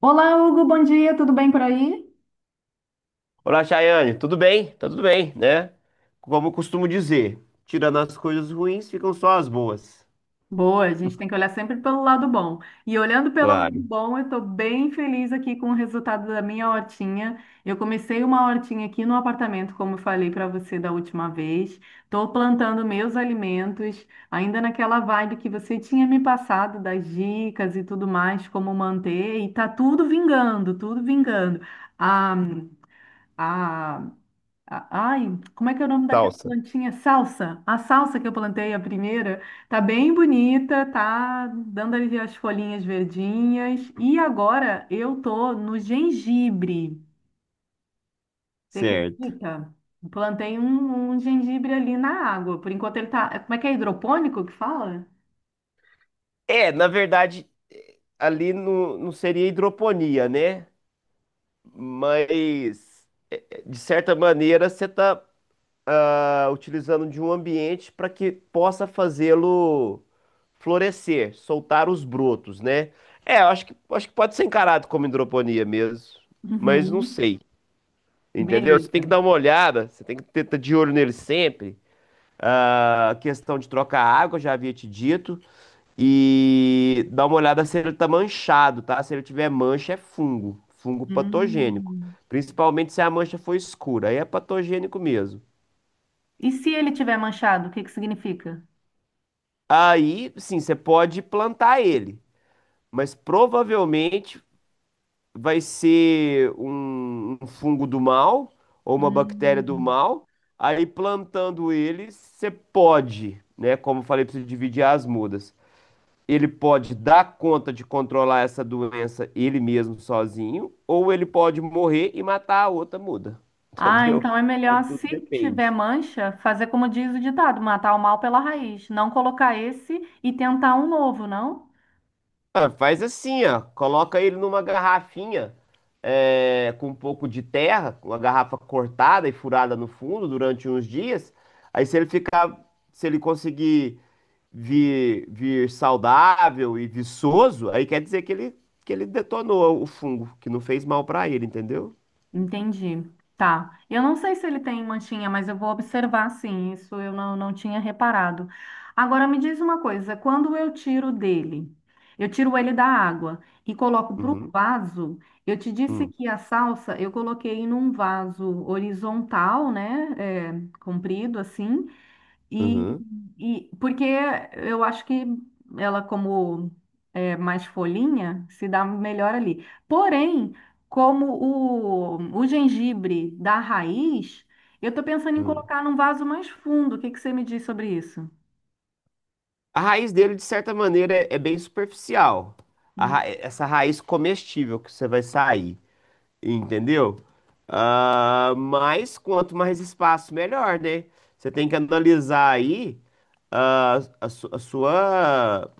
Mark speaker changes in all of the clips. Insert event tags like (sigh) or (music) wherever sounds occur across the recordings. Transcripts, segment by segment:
Speaker 1: Olá, Hugo, bom dia, tudo bem por aí?
Speaker 2: Olá, Chayane, tudo bem? Tá tudo bem, né? Como eu costumo dizer, tirando as coisas ruins, ficam só as boas.
Speaker 1: Boa, a gente tem que olhar sempre pelo lado bom. E olhando pelo lado
Speaker 2: Claro,
Speaker 1: bom, eu estou bem feliz aqui com o resultado da minha hortinha. Eu comecei uma hortinha aqui no apartamento, como eu falei para você da última vez. Estou plantando meus alimentos, ainda naquela vibe que você tinha me passado das dicas e tudo mais, como manter. E tá tudo vingando, tudo vingando. A, a a- Ai, como é que é o nome daquela
Speaker 2: salsa.
Speaker 1: plantinha? Salsa. A salsa que eu plantei, a primeira, tá bem bonita, tá dando ali as folhinhas verdinhas. E agora eu tô no gengibre. Você
Speaker 2: Certo.
Speaker 1: acredita? Plantei um gengibre ali na água. Por enquanto ele tá. Como é que é hidropônico que fala?
Speaker 2: É, na verdade, ali não, não seria hidroponia, né? Mas, de certa maneira, você está utilizando de um ambiente para que possa fazê-lo florescer, soltar os brotos, né? É, eu acho que pode ser encarado como hidroponia mesmo, mas não
Speaker 1: Uhum.
Speaker 2: sei. Entendeu? Você tem
Speaker 1: Beleza.
Speaker 2: que dar uma olhada, você tem que ter tá de olho nele sempre. A questão de trocar água, já havia te dito. E dar uma olhada se ele tá manchado, tá? Se ele tiver mancha, é fungo, fungo patogênico.
Speaker 1: Hum.
Speaker 2: Principalmente se a mancha for escura, aí é patogênico mesmo.
Speaker 1: E se ele tiver manchado, o que que significa?
Speaker 2: Aí, sim, você pode plantar ele, mas provavelmente vai ser um fungo do mal ou uma bactéria do
Speaker 1: Hum.
Speaker 2: mal. Aí plantando ele, você pode, né? Como eu falei, precisa dividir as mudas. Ele pode dar conta de controlar essa doença ele mesmo sozinho, ou ele pode morrer e matar a outra muda, (laughs)
Speaker 1: Ah,
Speaker 2: entendeu?
Speaker 1: então é
Speaker 2: Então
Speaker 1: melhor,
Speaker 2: tudo
Speaker 1: se tiver
Speaker 2: depende.
Speaker 1: mancha, fazer como diz o ditado, matar o mal pela raiz. Não colocar esse e tentar um novo, não?
Speaker 2: Ah, faz assim, ó. Coloca ele numa garrafinha com um pouco de terra, uma garrafa cortada e furada no fundo durante uns dias. Aí se ele ficar, se ele conseguir vir saudável e viçoso, aí quer dizer que ele detonou o fungo, que não fez mal pra ele, entendeu?
Speaker 1: Entendi. Tá. Eu não sei se ele tem manchinha, mas eu vou observar sim. Isso eu não tinha reparado. Agora me diz uma coisa: quando eu tiro dele, eu tiro ele da água e coloco para o
Speaker 2: Uhum,
Speaker 1: vaso. Eu te disse
Speaker 2: uhum,
Speaker 1: que a salsa eu coloquei num vaso horizontal, né? É, comprido assim. E,
Speaker 2: uhum,
Speaker 1: e porque eu acho que ela, como é mais folhinha, se dá melhor ali. Porém, como o gengibre da raiz, eu tô pensando em
Speaker 2: uhum.
Speaker 1: colocar num vaso mais fundo. O que que você me diz sobre isso?
Speaker 2: A raiz dele, de certa maneira, é bem superficial. A ra-
Speaker 1: Hum.
Speaker 2: essa raiz comestível que você vai sair. Entendeu? Ah, mas quanto mais espaço, melhor, né? Você tem que analisar aí a sua,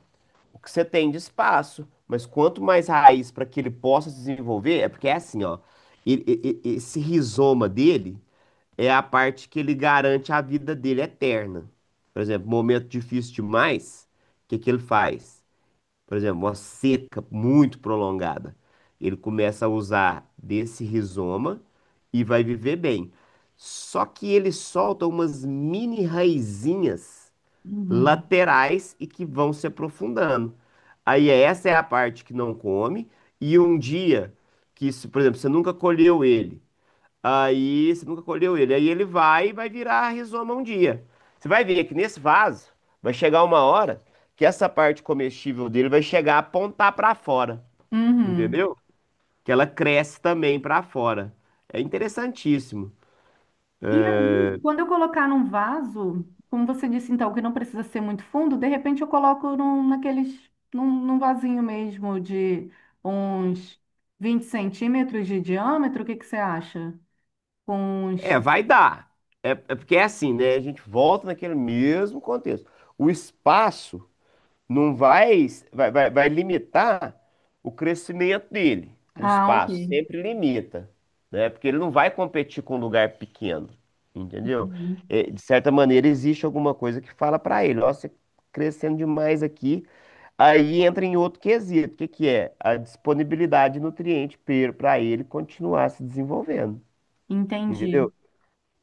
Speaker 2: o que você tem de espaço. Mas quanto mais raiz para que ele possa se desenvolver, é porque é assim, ó. Esse rizoma dele é a parte que ele garante a vida dele eterna. Por exemplo, momento difícil demais, o que que ele faz? Por exemplo, uma seca muito prolongada, ele começa a usar desse rizoma e vai viver bem. Só que ele solta umas mini raizinhas
Speaker 1: Uhum.
Speaker 2: laterais e que vão se aprofundando. Aí essa é a parte que não come. E um dia que, se, por exemplo, você nunca colheu ele, aí você nunca colheu ele. Aí ele vai e vai virar rizoma um dia. Você vai ver que nesse vaso vai chegar uma hora que essa parte comestível dele vai chegar a apontar para fora,
Speaker 1: Uhum.
Speaker 2: entendeu? Que ela cresce também para fora. É interessantíssimo.
Speaker 1: E aí, quando eu colocar num vaso, como você disse então, que não precisa ser muito fundo, de repente eu coloco num vasinho mesmo de uns 20 centímetros de diâmetro, o que que você acha? Com uns...
Speaker 2: É, vai dar. É porque é assim, né? A gente volta naquele mesmo contexto. O espaço não vai limitar o crescimento dele. O
Speaker 1: Ah, ok.
Speaker 2: espaço sempre limita, né? Porque ele não vai competir com um lugar pequeno, entendeu?
Speaker 1: Uhum.
Speaker 2: De certa maneira, existe alguma coisa que fala para ele, ó, você crescendo demais aqui, aí entra em outro quesito, que é? A disponibilidade de nutriente para ele continuar se desenvolvendo,
Speaker 1: Entendi.
Speaker 2: entendeu?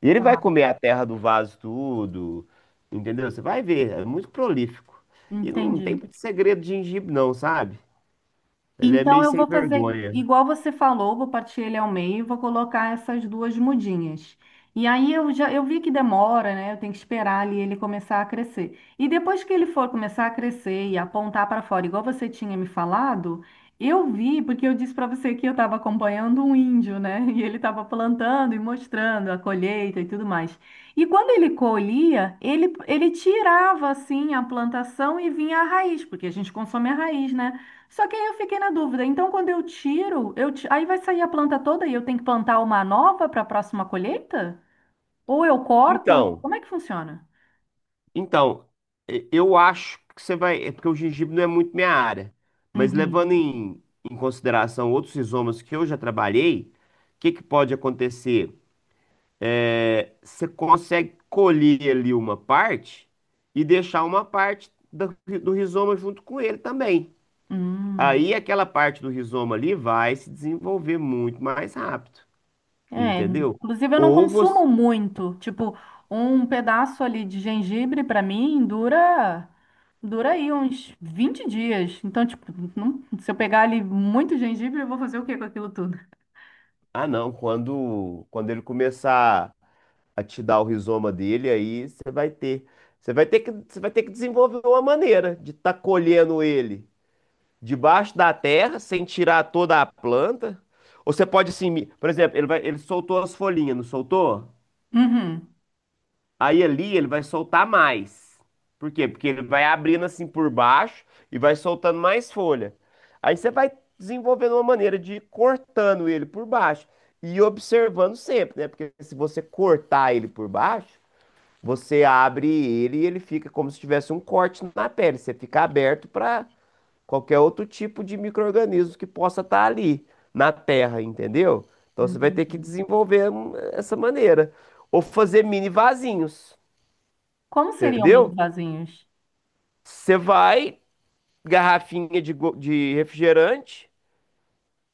Speaker 2: E ele
Speaker 1: Tá.
Speaker 2: vai comer a terra do vaso tudo, entendeu? Você vai ver, é muito prolífico. E não tem
Speaker 1: Entendi.
Speaker 2: muito segredo de gengibre não, sabe? Ele é
Speaker 1: Então
Speaker 2: meio
Speaker 1: eu
Speaker 2: sem
Speaker 1: vou fazer
Speaker 2: vergonha.
Speaker 1: igual você falou, vou partir ele ao meio, e vou colocar essas duas mudinhas. E aí eu já eu vi que demora, né? Eu tenho que esperar ali ele começar a crescer. E depois que ele for começar a crescer e apontar para fora, igual você tinha me falado, eu vi porque eu disse para você que eu estava acompanhando um índio, né? (laughs) E ele estava plantando e mostrando a colheita e tudo mais. E quando ele colhia, ele tirava assim a plantação e vinha a raiz, porque a gente consome a raiz, né? Só que aí eu fiquei na dúvida. Então, quando eu tiro, aí vai sair a planta toda e eu tenho que plantar uma nova para a próxima colheita? Ou eu corto?
Speaker 2: Então,
Speaker 1: Como é que funciona?
Speaker 2: então, eu acho que você vai, é porque o gengibre não é muito minha área, mas levando
Speaker 1: Uhum.
Speaker 2: em consideração outros rizomas que eu já trabalhei, o que que pode acontecer? É, você consegue colher ali uma parte e deixar uma parte do rizoma junto com ele também.
Speaker 1: Hum.
Speaker 2: Aí aquela parte do rizoma ali vai se desenvolver muito mais rápido,
Speaker 1: É,
Speaker 2: entendeu?
Speaker 1: inclusive eu não
Speaker 2: Ou você.
Speaker 1: consumo muito. Tipo, um pedaço ali de gengibre para mim dura aí uns 20 dias. Então, tipo, não- se eu pegar ali muito gengibre, eu vou fazer o quê com aquilo tudo?
Speaker 2: Ah, não, quando ele começar a te dar o rizoma dele, aí você vai ter. Você vai ter que desenvolver uma maneira de estar colhendo ele debaixo da terra, sem tirar toda a planta. Ou você pode assim, por exemplo, ele soltou as folhinhas, não soltou?
Speaker 1: Uhum.
Speaker 2: Aí ali ele vai soltar mais. Por quê? Porque ele vai abrindo assim por baixo e vai soltando mais folha. Aí você vai desenvolvendo uma maneira de ir cortando ele por baixo e observando sempre, né? Porque se você cortar ele por baixo, você abre ele e ele fica como se tivesse um corte na pele. Você fica aberto para qualquer outro tipo de micro-organismo que possa estar ali na terra, entendeu? Então você vai ter que
Speaker 1: Entendi.
Speaker 2: desenvolver essa maneira. Ou fazer mini vasinhos.
Speaker 1: Como seriam meus
Speaker 2: Entendeu?
Speaker 1: vasinhos?
Speaker 2: Você vai, garrafinha de, de refrigerante,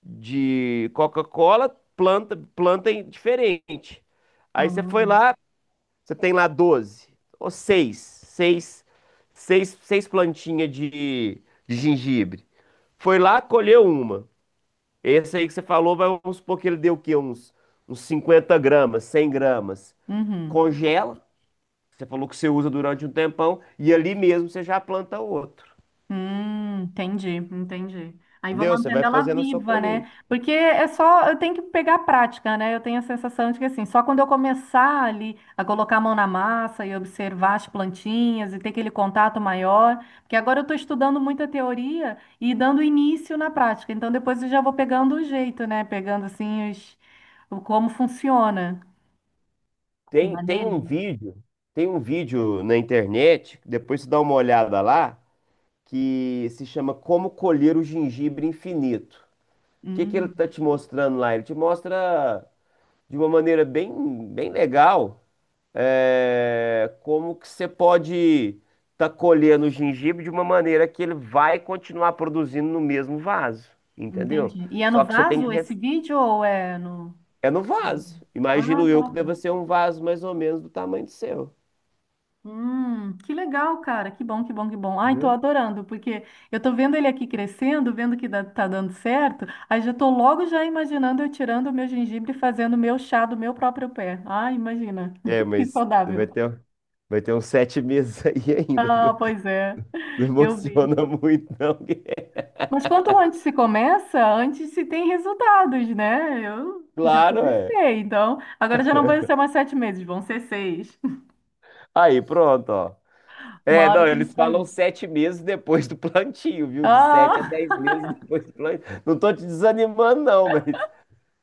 Speaker 2: de Coca-Cola, planta diferente. Aí você foi
Speaker 1: Hum.
Speaker 2: lá, você tem lá 12 ou seis plantinhas de, gengibre. Foi lá, colheu uma. Esse aí que você falou, vamos supor que ele deu o quê? Uns 50 gramas, 100 gramas.
Speaker 1: Uhum.
Speaker 2: Congela, você falou que você usa durante um tempão, e ali mesmo você já planta outro.
Speaker 1: Entendi, entendi. Aí vou
Speaker 2: Entendeu? Você
Speaker 1: mantendo
Speaker 2: vai
Speaker 1: ela
Speaker 2: fazendo a sua
Speaker 1: viva, né?
Speaker 2: colheita.
Speaker 1: Porque é só, eu tenho que pegar a prática, né? Eu tenho a sensação de que assim, só quando eu começar ali a colocar a mão na massa e observar as plantinhas e ter aquele contato maior, porque agora eu estou estudando muita teoria e dando início na prática. Então depois eu já vou pegando o jeito, né? Pegando assim os, o como funciona o
Speaker 2: Tem, tem um
Speaker 1: manejo.
Speaker 2: vídeo, tem um vídeo na internet, depois você dá uma olhada lá, que se chama Como Colher o Gengibre Infinito. O que que ele
Speaker 1: Hum,
Speaker 2: tá te mostrando lá? Ele te mostra de uma maneira bem, bem legal, como que você pode tá colhendo o gengibre de uma maneira que ele vai continuar produzindo no mesmo vaso, entendeu?
Speaker 1: entendi. E é no
Speaker 2: Só que você tem
Speaker 1: vaso
Speaker 2: que.
Speaker 1: esse vídeo ou é no...
Speaker 2: É no vaso.
Speaker 1: Ah,
Speaker 2: Imagino eu
Speaker 1: tá.
Speaker 2: que deva ser um vaso mais ou menos do tamanho do seu,
Speaker 1: Que legal, cara. Que bom, que bom, que bom. Ai, tô
Speaker 2: entendeu?
Speaker 1: adorando, porque eu tô vendo ele aqui crescendo, vendo que tá dando certo. Aí já tô logo já imaginando eu tirando o meu gengibre e fazendo o meu chá do meu próprio pé. Ai, imagina.
Speaker 2: É,
Speaker 1: (laughs) Que
Speaker 2: mas vai
Speaker 1: saudável.
Speaker 2: ter, um- vai ter uns 7 meses (laughs) aí ainda, viu?
Speaker 1: Ah, pois é.
Speaker 2: Não
Speaker 1: Eu vi.
Speaker 2: emociona muito, não. (laughs)
Speaker 1: Mas quanto antes se começa, antes se tem resultados, né? Eu já
Speaker 2: Claro, é.
Speaker 1: comecei, então agora já não vão ser mais sete meses, vão ser seis. (laughs)
Speaker 2: Aí, pronto, ó.
Speaker 1: Uma
Speaker 2: É,
Speaker 1: hora
Speaker 2: não,
Speaker 1: tem
Speaker 2: eles
Speaker 1: que
Speaker 2: falam
Speaker 1: sair.
Speaker 2: 7 meses depois do plantio, viu? De sete a
Speaker 1: Ah!
Speaker 2: dez meses depois do plantio. Não tô te desanimando, não, mas.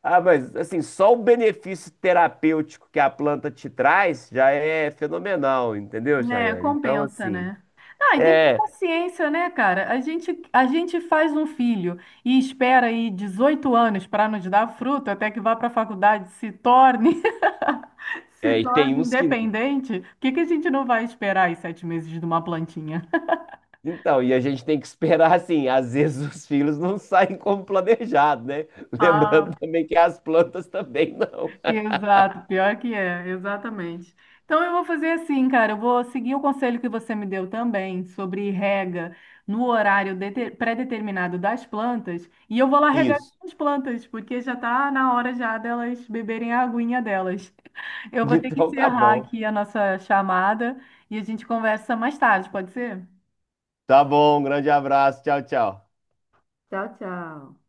Speaker 2: Ah, mas assim, só o benefício terapêutico que a planta te traz já é fenomenal, entendeu,
Speaker 1: É,
Speaker 2: Chayane? Então,
Speaker 1: compensa,
Speaker 2: assim.
Speaker 1: né? Ah, e tem que ter
Speaker 2: É,
Speaker 1: paciência, né, cara? A gente faz um filho e espera aí 18 anos para nos dar fruto até que vá para a faculdade, se torne, (laughs) se
Speaker 2: É, e tem
Speaker 1: torne
Speaker 2: uns que.
Speaker 1: independente. Por que que a gente não vai esperar aí sete meses de uma plantinha? (laughs)
Speaker 2: Então, e a gente tem que esperar assim, às vezes os filhos não saem como planejado, né? (laughs)
Speaker 1: Ah,
Speaker 2: Lembrando também que as plantas também não.
Speaker 1: exato, pior que é, exatamente. Então eu vou fazer assim, cara, eu vou seguir o conselho que você me deu também sobre rega no horário pré-determinado das plantas e eu vou lá regar
Speaker 2: Isso.
Speaker 1: as plantas, porque já tá na hora já delas beberem a aguinha delas. (laughs) Eu vou ter que
Speaker 2: Então tá
Speaker 1: encerrar
Speaker 2: bom.
Speaker 1: aqui a nossa chamada e a gente conversa mais tarde, pode ser?
Speaker 2: Tá bom, um grande abraço. Tchau, tchau.
Speaker 1: Tchau, tchau.